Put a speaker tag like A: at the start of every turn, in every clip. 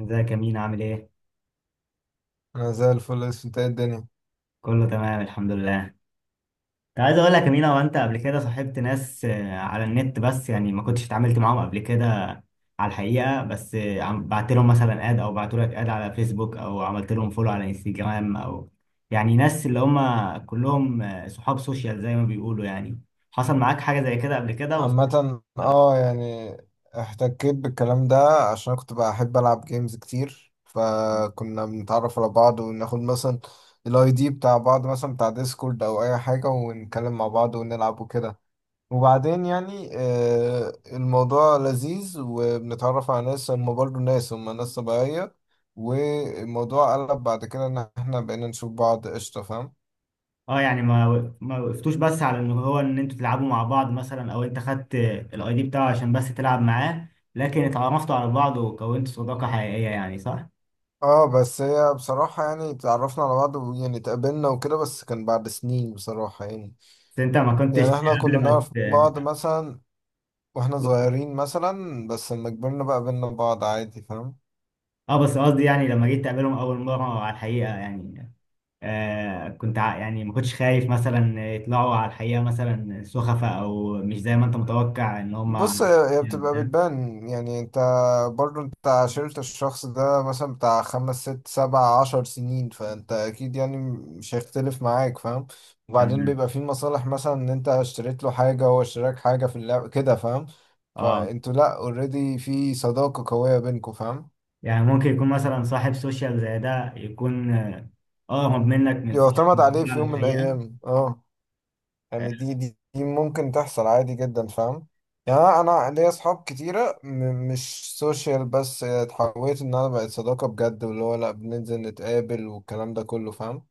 A: ازيك يا مينا، عامل ايه؟
B: انا زي الفل، اسف. انت ايه الدنيا؟
A: كله تمام، الحمد لله. كنت عايز اقول لك يا مينا، وانت قبل كده صاحبت ناس على النت، بس يعني ما كنتش اتعاملت معاهم قبل كده على الحقيقة. بس بعت لهم مثلا اد، او بعتوا لك اد على فيسبوك، او عملت لهم فولو على انستجرام، او يعني ناس اللي هم كلهم صحاب سوشيال زي ما بيقولوا يعني. حصل معاك حاجة زي كده قبل كده ولا
B: عامة
A: لا؟
B: اه، يعني احتكيت بالكلام ده عشان كنت بحب العب جيمز كتير، فكنا بنتعرف على بعض وناخد مثلا الاي دي بتاع بعض، مثلا بتاع ديسكورد او اي حاجة، ونتكلم مع بعض ونلعب وكده. وبعدين يعني الموضوع لذيذ، وبنتعرف على ناس هم برضه ناس هم ناس طبيعية. والموضوع قلب بعد كده ان احنا بقينا نشوف بعض، قشطة فاهم.
A: اه، يعني ما وقفتوش بس على ان هو ان انتوا تلعبوا مع بعض مثلا، او انت خدت الاي دي بتاعه عشان بس تلعب معاه، لكن اتعرفتوا على بعض وكونتوا صداقة حقيقية يعني، صح؟
B: اه، بس هي بصراحة يعني اتعرفنا على بعض، ويعني اتقابلنا وكده، بس كان بعد سنين بصراحة يعني.
A: بس انت ما كنتش
B: يعني احنا كنا
A: قبل ما
B: نعرف بعض مثلا واحنا صغيرين، مثلا بس لما كبرنا بقى قابلنا بعض عادي، فاهم.
A: اه، بس قصدي يعني لما جيت تقابلهم اول مرة على الحقيقة يعني. كنت يعني ما كنتش خايف مثلا يطلعوا على الحقيقة مثلا سخفة، او مش زي ما انت متوقع ان هم،
B: بص، هي
A: يعني
B: بتبقى
A: ده؟
B: بتبان يعني. انت برضو انت عاشرت الشخص ده مثلا بتاع خمس ست سبع عشر سنين، فانت اكيد يعني مش هيختلف معاك فاهم. وبعدين
A: تمام.
B: بيبقى في مصالح، مثلا ان انت اشتريت له حاجة وهو اشتراك حاجة في اللعب كده، فاهم.
A: اه،
B: فانتوا لا اوريدي في صداقة قوية بينكوا فاهم.
A: يعني ممكن يكون مثلا صاحب سوشيال زي ده يكون، اه، هرب منك من صح
B: يعتمد عليه في
A: على
B: يوم من
A: الحقيقة.
B: الايام، اه.
A: آه.
B: يعني دي ممكن تحصل عادي جدا فاهم. يعني أنا ليا اصحاب كتيره مش سوشيال، بس اتحولت ان انا بقت صداقه بجد، واللي هو لا بننزل نتقابل والكلام ده كله فاهم.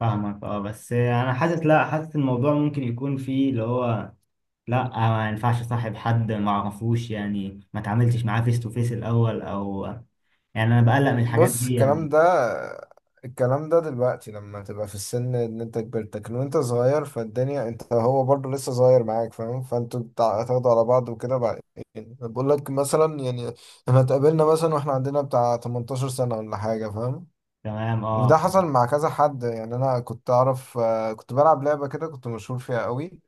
A: فاهمك، اه، بس انا حاسس، لا، حاسس الموضوع ممكن يكون فيه اللي هو، لا ما ينفعش صاحب حد ما اعرفوش، يعني ما اتعاملتش معاه فيس تو فيس الاول او يعني انا بقلق من الحاجات
B: بص
A: دي
B: الكلام
A: يعني.
B: ده الكلام ده دلوقتي لما تبقى في السن ان انت كبرت، لكن وانت صغير فالدنيا انت هو برضه لسه صغير معاك فاهم. فانتوا هتاخدوا على بعض وكده بعد. يعني بقول لك مثلا يعني، احنا اتقابلنا مثلا واحنا عندنا بتاع 18 سنه ولا حاجه فاهم.
A: تمام.
B: وده حصل مع كذا حد. يعني انا كنت اعرف، كنت بلعب لعبه كده كنت مشهور فيها قوي.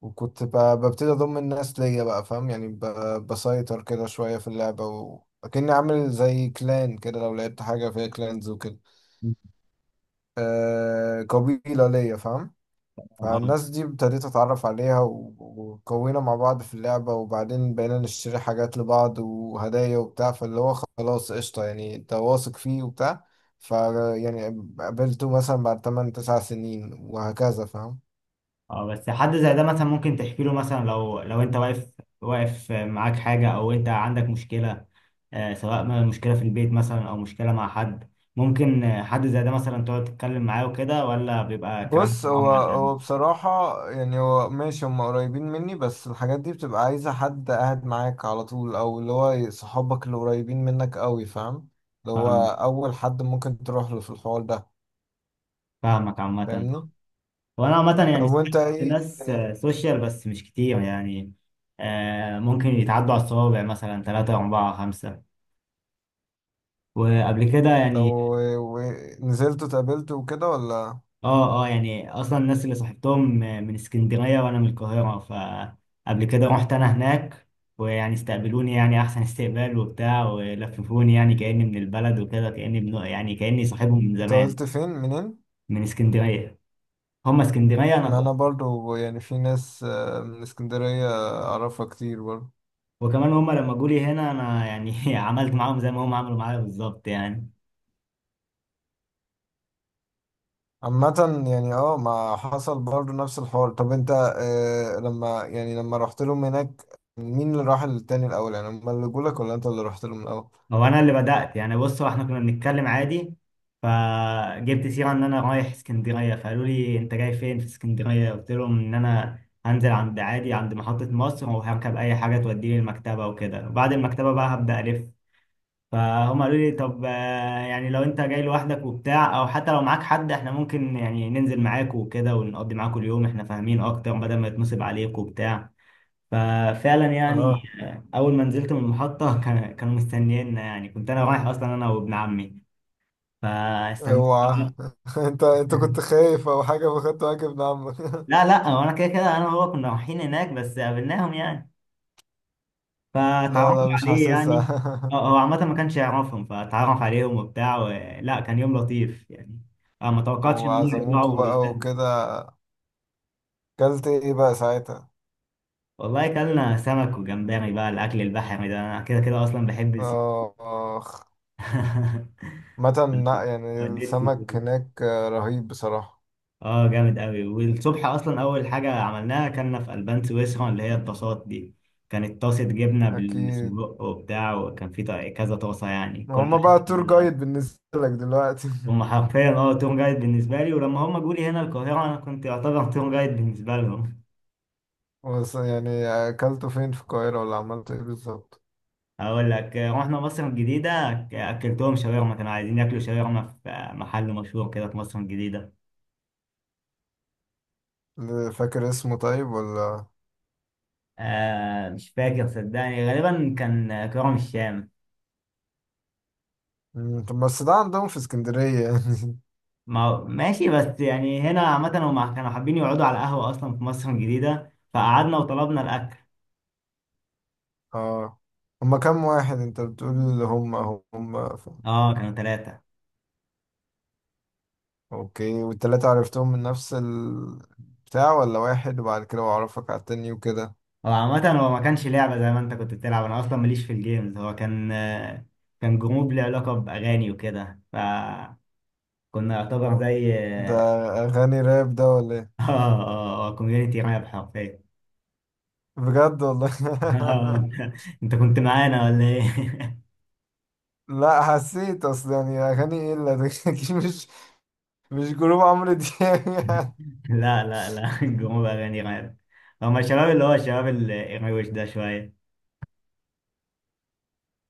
B: وكنت ببتدي اضم الناس ليا بقى فاهم. يعني بسيطر كده شويه في اللعبه، وكأني عامل زي كلان كده، لو لعبت حاجه فيها كلانز وكده.
A: اه
B: قبيله ليا فاهم. فالناس دي ابتديت اتعرف عليها وكونا مع بعض في اللعبة، وبعدين بقينا نشتري حاجات لبعض وهدايا وبتاع، فاللي هو خلاص قشطة يعني انت واثق فيه وبتاع. ف يعني قابلته مثلا بعد 8 9 سنين وهكذا فاهم.
A: اه. بس حد زي ده مثلا ممكن تحكي له مثلا، لو انت واقف، واقف معاك حاجة او انت عندك مشكلة، سواء ما مشكلة في البيت مثلا او مشكلة مع حد، ممكن حد زي ده مثلا تقعد تتكلم معاه وكده، ولا بيبقى كلامك
B: بص هو
A: معاهم على القلب؟
B: هو بصراحة يعني، هو ماشي هم قريبين مني، بس الحاجات دي بتبقى عايزة حد قاعد معاك على طول، أو اللي هو صحابك اللي قريبين منك قوي فاهم، اللي هو
A: فاهمك.
B: أول حد ممكن تروح له في الحوار ده.
A: فاهمك عامة.
B: فاهمني؟
A: وانا عامة يعني
B: طب وانت
A: سألت
B: ايه
A: ناس
B: الدنيا؟
A: سوشيال بس مش كتير يعني. ممكن يتعدوا على الصوابع مثلا ثلاثة أربعة خمسة، وقبل كده
B: طب
A: يعني
B: ونزلت واتقابلت وكده ولا؟
A: اه، اه، يعني اصلا الناس اللي صاحبتهم من اسكندريه وانا من القاهره، فقبل كده رحت انا هناك، ويعني استقبلوني يعني احسن استقبال وبتاع، ولففوني يعني كاني من البلد وكده، كاني ابن يعني كاني صاحبهم من زمان.
B: اتقابلت فين منين؟
A: من اسكندريه. هم اسكندريه انا
B: ما انا
A: قاهرة.
B: برضو يعني في ناس من اسكندرية اعرفها كتير برضو.
A: وكمان هم لما جولي هنا، انا يعني عملت معاهم زي ما هم عملوا معايا بالظبط يعني.
B: عامة يعني اه، ما حصل برضو نفس الحوار. طب انت آه لما يعني لما رحت لهم هناك، مين اللي راح للتاني الاول؟ يعني هما اللي جولك ولا انت اللي رحت لهم الاول؟
A: هو انا اللي بدات يعني، بص، هو احنا كنا بنتكلم عادي، فجبت سيره ان انا رايح اسكندريه، فقالوا لي انت جاي فين في اسكندريه، قلت لهم ان انا هنزل عند عادي عند محطه مصر، وهركب اي حاجه توديني المكتبه وكده، وبعد المكتبه بقى هبدا الف. فهم قالوا لي طب، يعني لو انت جاي لوحدك وبتاع او حتى لو معاك حد، احنا ممكن يعني ننزل معاك وكده ونقضي معاكوا اليوم، احنا فاهمين اكتر بدل ما يتنصب عليك وبتاع. ففعلا يعني،
B: اه.
A: اول ما نزلت من المحطه كانوا مستنيينا، يعني كنت انا رايح اصلا انا وابن عمي، فاستنى.
B: اوعى انت كنت خايف او حاجة فخدت واجب من عمك؟
A: لا لا، هو انا كده كده انا وهو كنا رايحين هناك، بس قابلناهم يعني،
B: لا
A: فتعرفوا
B: لا، مش
A: عليه يعني.
B: حاسسها.
A: هو هو عامه ما كانش يعرفهم، فتعرف عليهم وبتاع لا، كان يوم لطيف يعني. أنا ما توقعتش ان هم
B: وعزموكوا
A: يطلعوا
B: بقى
A: لزاز.
B: وكده؟ كلت ايه بقى ساعتها؟
A: والله كلنا سمك وجمبري بقى، الاكل البحري ده انا كده كده اصلا بحب السي.
B: اخ. متى لا، يعني
A: وديت سي،
B: السمك هناك رهيب بصراحة،
A: اه، جامد قوي. والصبح اصلا اول حاجه عملناها كنا في البان سويسرا اللي هي الطاسات دي، كانت طاسه جبنه
B: اكيد.
A: بالسجق وبتاع، وكان في كذا طاسه يعني كل
B: هما بقى
A: حته
B: تور جايد بالنسبة لك دلوقتي.
A: هم حرفيا، اه، تور جايد بالنسبه لي. ولما هم جولي هنا القاهره انا كنت يعتبر تور جايد بالنسبه لهم.
B: بس يعني اكلته فين في القاهرة ولا عملت ايه بالظبط؟
A: اقول لك، رحنا مصر الجديده، اكلتهم شاورما، كانوا عايزين ياكلوا شاورما في محل مشهور كده في مصر الجديده.
B: فاكر اسمه طيب ولا؟
A: مش فاكر صدقني، غالبا كان كرم الشام.
B: طب بس ده عندهم في اسكندرية يعني؟
A: ما ماشي، بس يعني هنا عامة هم كانوا حابين يقعدوا على قهوة أصلا في مصر الجديدة، فقعدنا وطلبنا الأكل.
B: اه. هما كام واحد انت بتقول اللي هما
A: اه، كانوا ثلاثة.
B: اوكي، والتلاتة عرفتهم من نفس البتاع ولا واحد وبعد كده وعرفك على التاني وكده؟
A: هو عامة هو ما كانش لعبة زي ما أنت كنت بتلعب، أنا أصلا ماليش في الجيمز، هو كان كان جروب ليه علاقة بأغاني وكده، فكنا يعتبر زي
B: ده اغاني راب ده ولا ايه؟
A: اه، اه، اه، كوميونيتي راب حرفيا.
B: بجد والله؟
A: أنت، أنت كنت معانا ولا إيه؟
B: لا حسيت، اصل يعني اغاني ايه اللي ده، أكيد مش جروب عمرو دياب يعني.
A: لا، لا، لا، جروب أغاني راب. هما الشباب اللي هو الشباب الروش ده شوية.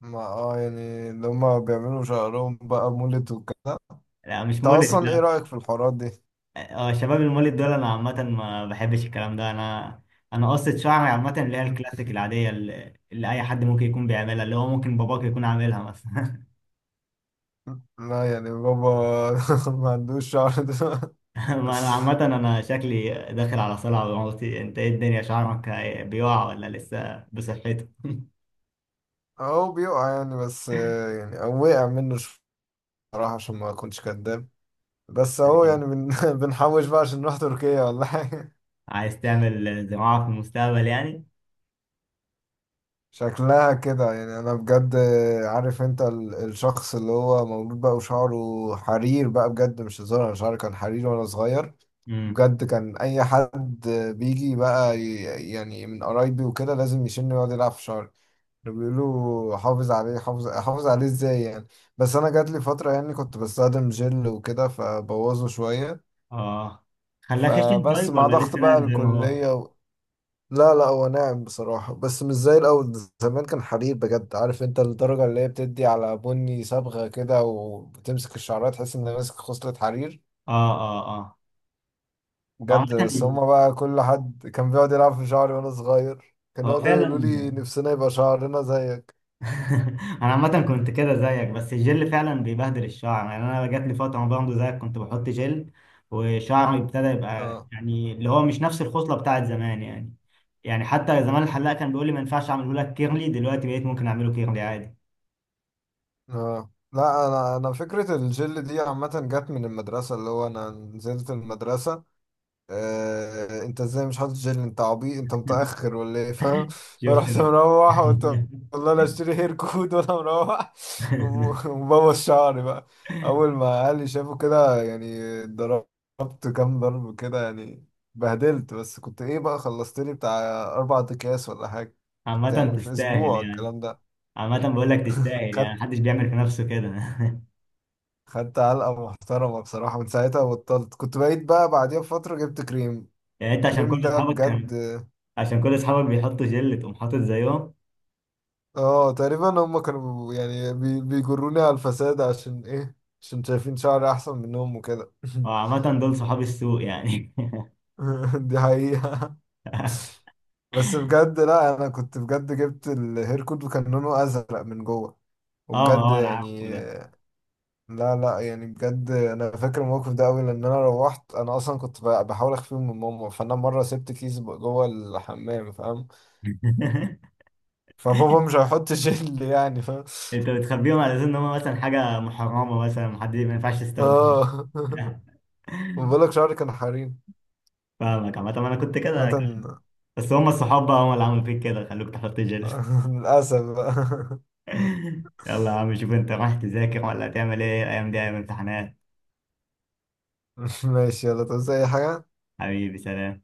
B: ما يعني اللي هما بيعملوا شعرهم بقى مولد وكده.
A: لا مش
B: انت
A: مولد،
B: اصلا ايه
A: لا.
B: رأيك في الحوارات دي؟
A: اه. شباب المولد دول انا عامة ما بحبش الكلام ده انا. انا قصة شعري عامة اللي هي الكلاسيك العادية، اللي اي حد ممكن يكون بيعملها، اللي هو ممكن باباك يكون عاملها مثلا.
B: لا يعني بابا ما عندوش شعر ده.
A: ما انا عامة انا شكلي داخل على صلع بموتي، انت ايه الدنيا شعرك بيقع ولا لسه بصحته؟
B: هو بيقع يعني، بس يعني هو وقع منه شوية بصراحة عشان ما اكونش كداب. بس اهو يعني بنحوش بقى عشان نروح تركيا والله.
A: عايز تعمل زراعة في المستقبل يعني.
B: شكلها كده يعني انا بجد. عارف انت، الشخص اللي هو مولود بقى وشعره حرير بقى، بجد مش هزار، انا شعري كان حرير وانا صغير
A: امم.
B: بجد. كان اي حد بيجي بقى يعني من قرايبي وكده لازم يشيلني ويقعد يلعب في شعري. كانوا بيقولوا حافظ عليه، حافظ عليه ازاي يعني. بس انا جات لي فترة يعني كنت بستخدم جل وكده فبوظه شوية،
A: اه، خلاك خشن
B: فبس
A: طيب
B: مع
A: ولا
B: ضغط
A: لسه
B: بقى
A: ناعم زي ما هو؟ اه.
B: الكلية. لا لا، هو ناعم بصراحة بس مش زي الأول، زمان كان حرير بجد. عارف انت الدرجة اللي هي بتدي على بني صبغة كده، وبتمسك الشعرات تحس ان ماسك خصلة حرير
A: اه، اه، هو
B: بجد. بس
A: عامة،
B: هما بقى كل حد كان بيقعد يلعب في شعري وانا صغير، كانوا
A: هو
B: يقعدوا
A: فعلا.
B: يقولوا لي نفسنا يبقى شعرنا زيك.
A: انا عامه كنت كده زيك، بس الجل فعلا بيبهدل الشعر يعني، انا جات لي فتره برضه زيك كنت بحط جل، وشعري ابتدى يبقى
B: اه
A: يعني اللي هو مش نفس الخصله بتاعت زمان يعني. يعني حتى زمان الحلاق كان بيقول لي ما ينفعش اعمله لك كيرلي، دلوقتي بقيت ممكن اعمله كيرلي عادي.
B: اه. لا انا فكرة الجل دي عامة جت من المدرسة. اللي هو انا نزلت المدرسة، انت ازاي مش حاطط جل، انت عبيط، انت متأخر ولا ايه فاهم.
A: شفت
B: فرحت مروح وقلت والله لا اشتري هير كود وانا مروح. ومبوظ شعري بقى. اول ما اهلي شافوا كده يعني، ضربت كام ضرب كده يعني، بهدلت. بس كنت ايه بقى، خلصت لي بتاع اربع اكياس ولا حاجة، كنت
A: عامه
B: يعني في
A: تستاهل
B: اسبوع
A: يعني.
B: الكلام ده.
A: عامه بقول لك تستاهل يعني،
B: خدت
A: محدش بيعمل في نفسه كده.
B: خدت علقة محترمة بصراحة، من ساعتها بطلت. كنت بقيت بقى بعديها بفترة جبت كريم،
A: يعني انت عشان
B: كريم
A: كل
B: ده
A: اصحابك
B: بجد.
A: كان، عشان كل اصحابك بيحطوا جل تقوم حاطط زيهم.
B: اه تقريبا هم كانوا يعني بيجروني على الفساد، عشان ايه، عشان شايفين شعري احسن منهم وكده.
A: وعامة دول صحاب السوق يعني.
B: دي حقيقة. بس بجد لا انا كنت بجد جبت الهير كود وكان لونه ازرق من جوه،
A: اه، ما
B: وبجد
A: هو انا
B: يعني،
A: عارفه ده.
B: لا لا يعني بجد انا فاكر الموقف ده قوي، لان انا روحت انا اصلا كنت بحاول اخفيهم من ماما، فانا مره سبت كيس جوه الحمام فاهم. فبابا مش هيحط جل يعني فاهم.
A: انت بتخبيهم على اساس ان هم مثلا حاجه محرمه، مثلا محد ما ينفعش يستخدمها.
B: اه. بقول لك شعري كان حريم
A: فاهمك عامة، انا كنت كده.
B: مثلا.
A: بس هم الصحاب بقى، هم اللي عملوا فيك كده خلوك تحط جل.
B: للأسف بقى.
A: يلا يا عم، شوف انت رايح تذاكر ولا هتعمل ايه؟ الايام دي ايام امتحانات.
B: ماشي، يلا، تعوز أي حاجة؟
A: حبيبي، سلام.